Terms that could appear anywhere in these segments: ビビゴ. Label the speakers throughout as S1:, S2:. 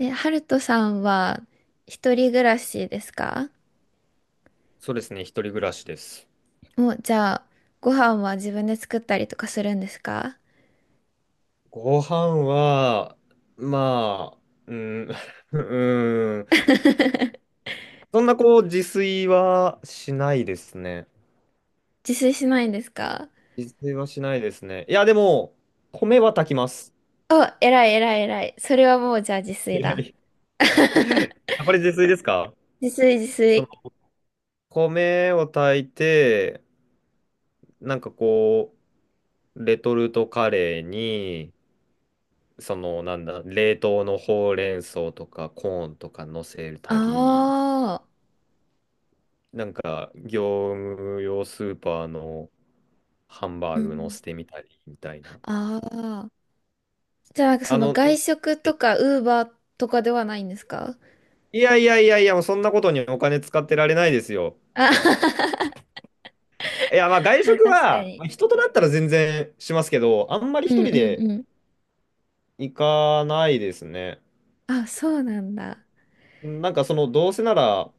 S1: え、ハルトさんは一人暮らしですか？
S2: そうですね、一人暮らしです。
S1: もう、じゃあ、ご飯は自分で作ったりとかするんですか？
S2: ご飯は、まあ、うん、うん、そんなこう、自炊はしないですね。
S1: 自炊しないんですか？
S2: 自炊はしないですね。いや、でも、米は炊きます。
S1: あ、偉い偉い偉い。それはもう、じゃあ自 炊
S2: えら
S1: だ。
S2: い。 やっぱり自炊ですか？
S1: 自炊自
S2: その、
S1: 炊。
S2: 米を炊いて、なんかこレトルトカレーに、その、なんだ、冷凍のほうれん草とかコーンとか乗せ
S1: あ
S2: たり、
S1: あ、
S2: なんか、業務用スーパーのハンバ
S1: う
S2: ーグ乗
S1: ん。
S2: せてみたりみたいな。
S1: ああ。じゃあ、なんかそ
S2: あ
S1: の
S2: の、
S1: 外食とか、ウーバーとかではないんですか？
S2: いやいやいやいや、もうそんなことにお金使ってられないですよ。
S1: あ
S2: いや、まあ 外
S1: まあ、
S2: 食
S1: 確か
S2: は、
S1: に。
S2: まあ人となったら全然しますけど、あんまり
S1: う
S2: 一
S1: ん
S2: 人
S1: うん
S2: で
S1: うん。
S2: 行かないですね。
S1: あ、そうなんだ。
S2: なんかその、どうせなら、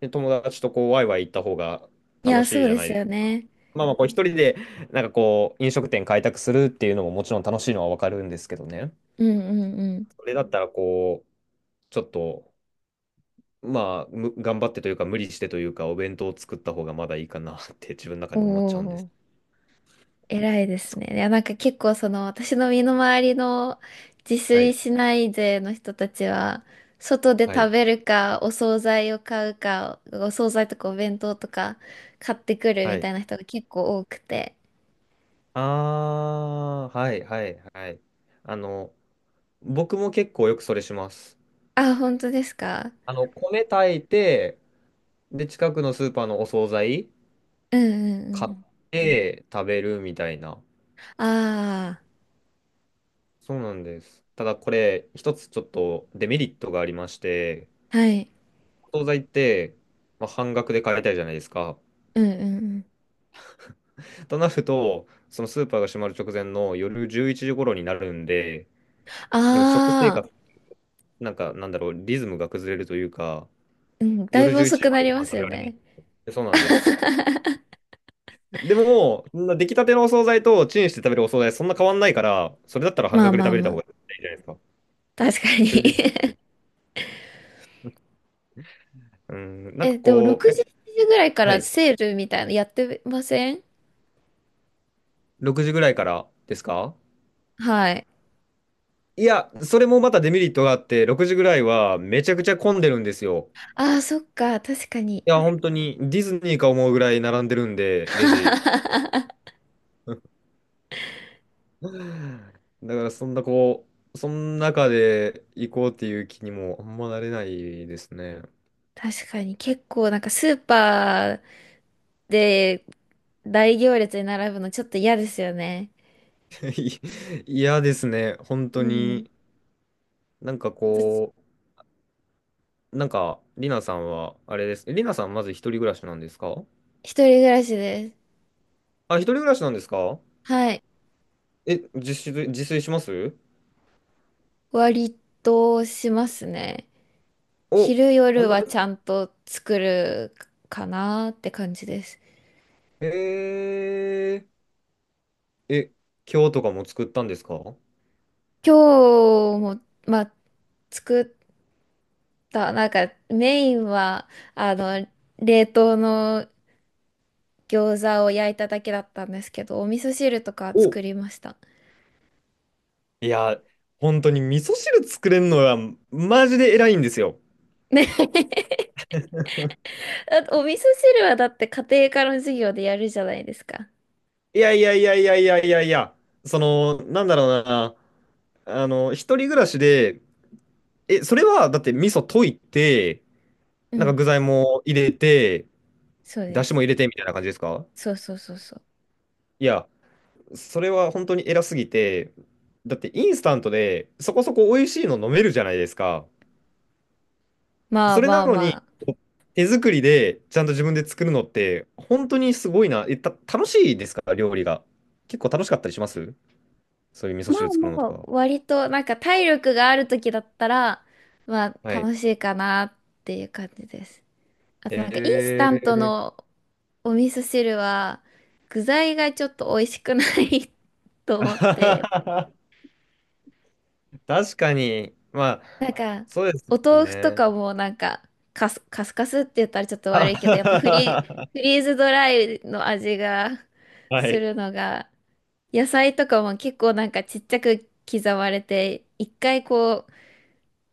S2: ね、友達とワイワイ行った方が
S1: い
S2: 楽
S1: や、
S2: し
S1: そ
S2: い
S1: う
S2: じゃ
S1: で
S2: ない
S1: す
S2: です
S1: よ
S2: か。
S1: ね。
S2: まあまあ、こう一人で、飲食店開拓するっていうのももちろん楽しいのはわかるんですけどね。
S1: うんうんうん。
S2: それだったらちょっと、まあ、頑張ってというか、無理してというか、お弁当を作った方がまだいいかなって 自分の中
S1: お
S2: で思っちゃうんです。
S1: お。偉いで
S2: つ
S1: すね。いや、なんか結構その私の身の回りの自
S2: は
S1: 炊
S2: い、
S1: しない勢の人たちは、外で
S2: は
S1: 食
S2: い、
S1: べるか、お惣菜を買うか、お惣菜とかお弁当とか買ってくる
S2: は
S1: みた
S2: い。
S1: いな人が結構多くて。
S2: あー、はい、はい、はい。あの、僕も結構よくそれします。
S1: あ、本当ですか？
S2: 米炊いて、で、近くのスーパーのお惣菜
S1: うんうんう
S2: 買っ
S1: ん。
S2: て食べるみたいな。
S1: あ
S2: そうなんです。ただこれ、一つちょっとデメリットがありまして、
S1: あ、はい。
S2: お惣菜って、まあ、半額で買えたいじゃないですか。
S1: うんうんうん。
S2: となると、そのスーパーが閉まる直前の夜11時頃になるんで、なんか食生
S1: ああ、
S2: 活、なんかなんだろう、リズムが崩れるというか、
S1: うん、だい
S2: 夜
S1: ぶ
S2: 11
S1: 遅
S2: 時
S1: く
S2: ま
S1: な
S2: で
S1: り
S2: ご
S1: ま
S2: 飯
S1: す
S2: 食べ
S1: よ
S2: られない。
S1: ね。
S2: そうなんです。でも、そんな出来たてのお惣菜とチンして食べるお惣菜、そんな変わんないから、それだったら半
S1: まあ
S2: 額で
S1: ま
S2: 食
S1: あ
S2: べれ
S1: ま
S2: た方
S1: あ。
S2: がいいじゃないですか。
S1: 確か
S2: というで、
S1: に。
S2: うん、
S1: え、でも6時、しちじぐらいか
S2: は
S1: ら
S2: い、
S1: セールみたいなのやってません？
S2: 6時ぐらいからですか？
S1: はい。
S2: いや、それもまたデメリットがあって、6時ぐらいはめちゃくちゃ混んでるんですよ。
S1: ああ、そっか、確かに。
S2: いや、本当にディズニーか思うぐらい並んでるんで、レジ。だからそんなこう、その中で行こうっていう気にもあんまなれないですね。
S1: 確かに、結構なんかスーパーで大行列に並ぶのちょっと嫌ですよね。
S2: い嫌ですね、本
S1: う
S2: 当
S1: ん。
S2: に。なんか
S1: 私、
S2: こなんか、りなさんは、あれです。りなさんまず一人暮らしなんですか？
S1: 一人暮らしです。
S2: あ、一人暮らしなんですか？
S1: はい。
S2: え、自炊します？
S1: 割としますね。
S2: お、
S1: 昼
S2: 本
S1: 夜
S2: 当
S1: は
S2: です
S1: ちゃ
S2: か？
S1: んと作るかなって感じです。
S2: えー、え、今日とかも作ったんですか？
S1: 今日も、まあ、作っだ、なんかメインは、あの、冷凍の餃子を焼いただけだったんですけど、お味噌汁とか
S2: お、
S1: 作りました。
S2: いや、本当に味噌汁作れるのはマジで偉いんですよ。
S1: ね だって お味噌汁はだって家庭科の授業でやるじゃないですか。
S2: いやいやいやいやいやいやいや、その、なんだろうな、あの、一人暮らしで、それは、だって味噌溶いて、
S1: う
S2: なんか
S1: ん、
S2: 具材も入れて、
S1: そうで
S2: だしも
S1: す。
S2: 入れてみたいな感じですか？
S1: そうそうそうそう。
S2: いや、それは本当に偉すぎて、だってインスタントでそこそこ美味しいの飲めるじゃないですか。
S1: まあ
S2: それ
S1: ま
S2: な
S1: あ
S2: の
S1: ま
S2: に、
S1: あ。
S2: こう手作りでちゃんと自分で作るのって、本当にすごいな。楽しいですか料理が。結構楽しかったりします？そういう味噌
S1: ま
S2: 汁
S1: あ
S2: 作るのと
S1: まあ、
S2: か。
S1: 割となんか体力がある時だったら、ま
S2: は
S1: あ
S2: い。
S1: 楽しいかなっていう感じです。あとなんかインスタント
S2: ええ、
S1: のお味噌汁は具材がちょっと美味しくない と
S2: あ
S1: 思っ
S2: は
S1: て、
S2: はは。 確かに。まあ、
S1: なんか
S2: そうです
S1: お
S2: もん
S1: 豆腐と
S2: ね。
S1: かもなんかカスカスって言ったらちょっと
S2: あ
S1: 悪いけど、
S2: は
S1: やっぱフ
S2: は
S1: リーズドライの味が
S2: はは、
S1: す
S2: い。
S1: るのが、野菜とかも結構なんかちっちゃく刻まれて、一回こう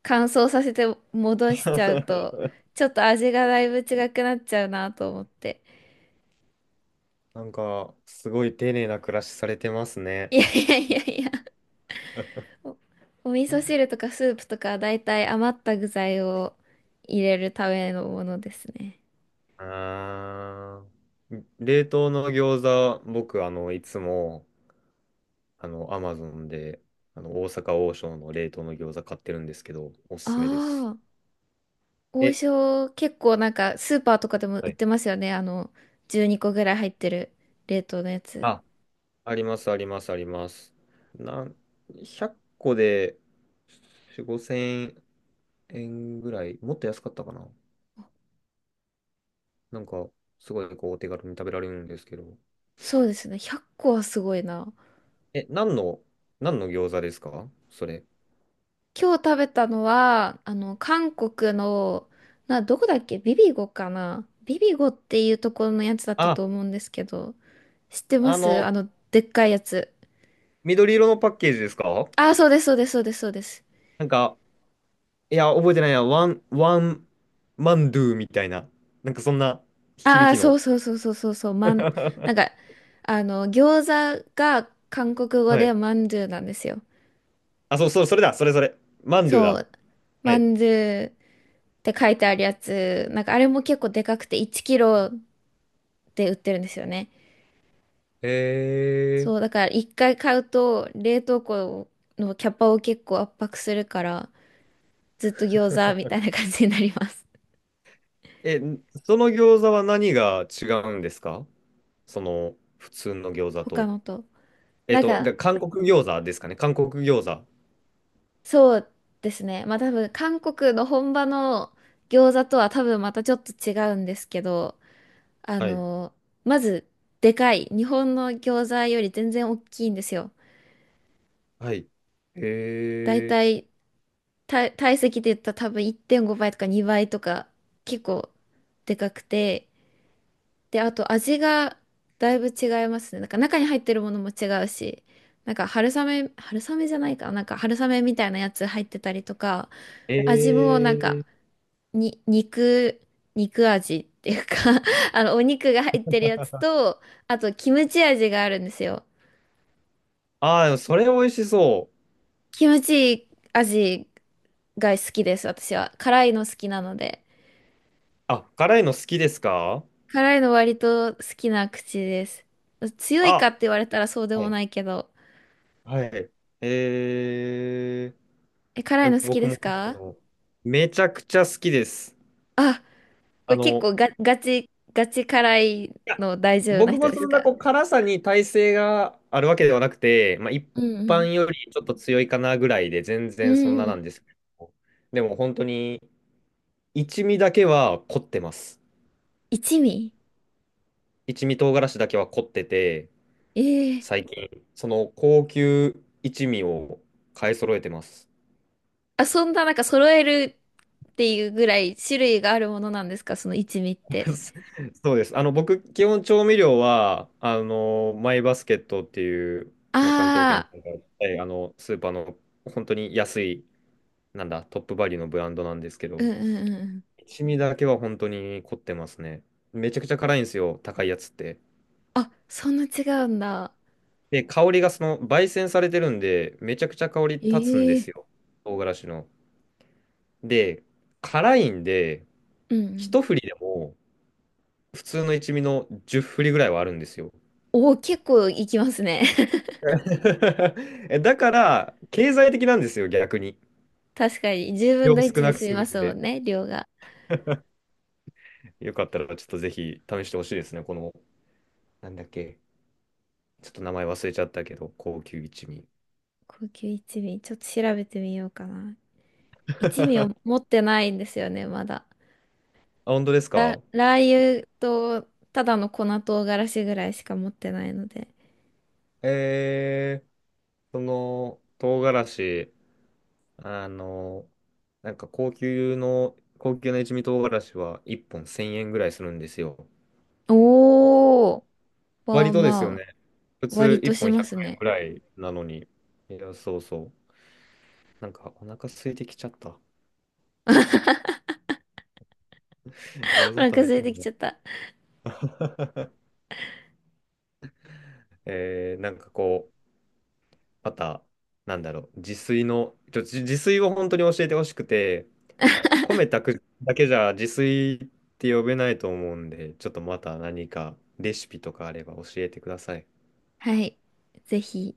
S1: 乾燥させて戻しちゃうと、ちょっと味がだいぶ違くなっちゃうなと思って。
S2: なんか、すごい丁寧な暮らしされてますね。
S1: いやいやいやいや、お、お味噌汁とかスープとかだいたい余った具材を入れるためのものですね。
S2: あー、冷凍の餃子、僕、いつも、アマゾンで、大阪王将の冷凍の餃子買ってるんですけど、お
S1: あ
S2: すすめです。
S1: あ、王
S2: え、
S1: 将結構なんかスーパーとかでも売
S2: は
S1: っ
S2: い。
S1: てますよね。あの、12個ぐらい入ってる冷凍のやつ。
S2: ああります、あります、あります。なん、100個で4、5000円ぐらい、もっと安かったかな。なんか、すごいお手軽に食べられるんですけど。
S1: そうですね。100個はすごいな。
S2: え、何の餃子ですかそれ？
S1: 今日食べたのは、あの、韓国の、どこだっけビビゴかなビビゴっていうところのやつだったと
S2: あ、
S1: 思うんですけど、知ってま
S2: あ
S1: す？あ
S2: の、
S1: の、でっかいやつ。
S2: 緑色のパッケージですか？
S1: ああ、そうです、そうです、そうです、そうです。
S2: なんか、いや、覚えてないや、ワン、ワン、マンドゥみたいな、なんかそんな響
S1: ああ、
S2: き
S1: そ
S2: の。
S1: うそうそうそうそうそう、なん か、あの、餃子が韓国語
S2: は
S1: で
S2: い。
S1: まんじゅうなんですよ。
S2: あ、そう、そう、それだ、それ、それ。マンドゥ
S1: そ
S2: だ。
S1: う、
S2: は
S1: ま
S2: い。
S1: んじゅうって書いてあるやつ、なんかあれも結構でかくて1キロで売ってるんですよね。
S2: へ
S1: そう、だ
S2: え。
S1: から一回買うと冷凍庫のキャパを結構圧迫するから、ずっと餃子みたいな感じになります。
S2: え、その餃子は何が違うんですかその普通の餃子
S1: 他
S2: と？
S1: のと。なん
S2: で、
S1: か、
S2: 韓国餃子ですかね？韓国餃子。
S1: そうですね。まあ多分韓国の本場の餃子とは多分またちょっと違うんですけど、あ
S2: はい。
S1: の、まずでかい。日本の餃子より全然大きいんですよ。
S2: はい。
S1: だい
S2: へ
S1: たい体積で言ったら多分1.5倍とか2倍とか結構でかくて。で、あと味がだいぶ違いますね。なんか中に入ってるものも違うし、なんか春雨、春雨じゃないかな。なんか春雨みたいなやつ入ってたりとか、
S2: え。
S1: 味もなん
S2: え
S1: か
S2: ー。
S1: に、肉、肉味っていうか あの、お肉が入ってるやつと、あと、キムチ味があるんですよ。
S2: ああ、でもそれ美味しそう。
S1: キムチ味が好きです、私は。辛いの好きなので。
S2: あ、辛いの好きですか？
S1: 辛いの割と好きな口です。強いか
S2: あ、
S1: って言われたらそうで
S2: は
S1: も
S2: い。
S1: ないけど。
S2: はい。え
S1: え、辛いの好き
S2: 僕
S1: で
S2: も
S1: す
S2: 辛い
S1: か？
S2: のめちゃくちゃ好きです。
S1: あ、こ
S2: あ
S1: れ結
S2: の、
S1: 構ガチ辛い
S2: や
S1: の大丈夫な
S2: 僕
S1: 人
S2: も
S1: です
S2: そん
S1: か？
S2: な辛さに耐性があるわけではなくて、まあ、一
S1: うんうん。
S2: 般よりちょっと強いかなぐらいで全
S1: う
S2: 然そん
S1: ん
S2: な
S1: う
S2: な
S1: ん。
S2: んですけど、でも本当に一味だけは凝ってます。
S1: 一味。
S2: 一味唐辛子だけは凝ってて、
S1: ええ。
S2: 最近その高級一味を買い揃えてます。
S1: あ、そんななんか揃えるっていうぐらい種類があるものなんですかその一味って？
S2: そうです。僕基本調味料はマイバスケットっていう、まあ、関東圏の、
S1: ああ、
S2: スーパーの本当に安いなんだ、トップバリューのブランドなんですけど、
S1: うんうんうん。
S2: 一味だけは本当に凝ってますね。めちゃくちゃ辛いんですよ、高いやつって。
S1: あ、そんな違うんだ。
S2: で、香りが焙煎されてるんで、めちゃくちゃ香り立つんで
S1: え
S2: す
S1: え。
S2: よ、唐辛子の。で、辛いんで、
S1: うんうん。
S2: 一振りでも、普通の一味の10振りぐらいはあるんですよ。
S1: おお、結構いきますね。
S2: だから、経済的なんですよ、逆に。
S1: 確かに。10分
S2: 量
S1: の
S2: 少
S1: 1で
S2: なく
S1: 済み
S2: 済
S1: ま
S2: むん
S1: すもん
S2: で。
S1: ね、量が。
S2: よかったら、ちょっとぜひ試してほしいですね、この、なんだっけ、ちょっと名前忘れちゃったけど、高級一味。
S1: 高級一味、ちょっと調べてみようかな。一味を持ってないんですよね、まだ。
S2: あ、本当ですか？
S1: ラー油と、ただの粉唐辛子ぐらいしか持ってないので。
S2: えー、唐辛子、あの、なんか高級な一味唐辛子は1本1000円ぐらいするんですよ。
S1: おー、ま
S2: 割
S1: あ
S2: とですよ
S1: ま
S2: ね。
S1: あ、
S2: 普通
S1: 割
S2: 1
S1: とし
S2: 本
S1: ま
S2: 100
S1: す
S2: 円
S1: ね。
S2: ぐらいなのに。いや、そうそう。なんかお腹空いてきちゃった。餃 子
S1: お
S2: 食
S1: 腹
S2: べ
S1: 空
S2: た
S1: い
S2: い
S1: てき
S2: な。
S1: ちゃった。
S2: えー、また、なんだろう、自炊の、ちょ、自自炊を本当に教えてほしくて、米炊くだけじゃ自炊って呼べないと思うんで、ちょっとまた何かレシピとかあれば教えてください。
S1: はい。ぜひ。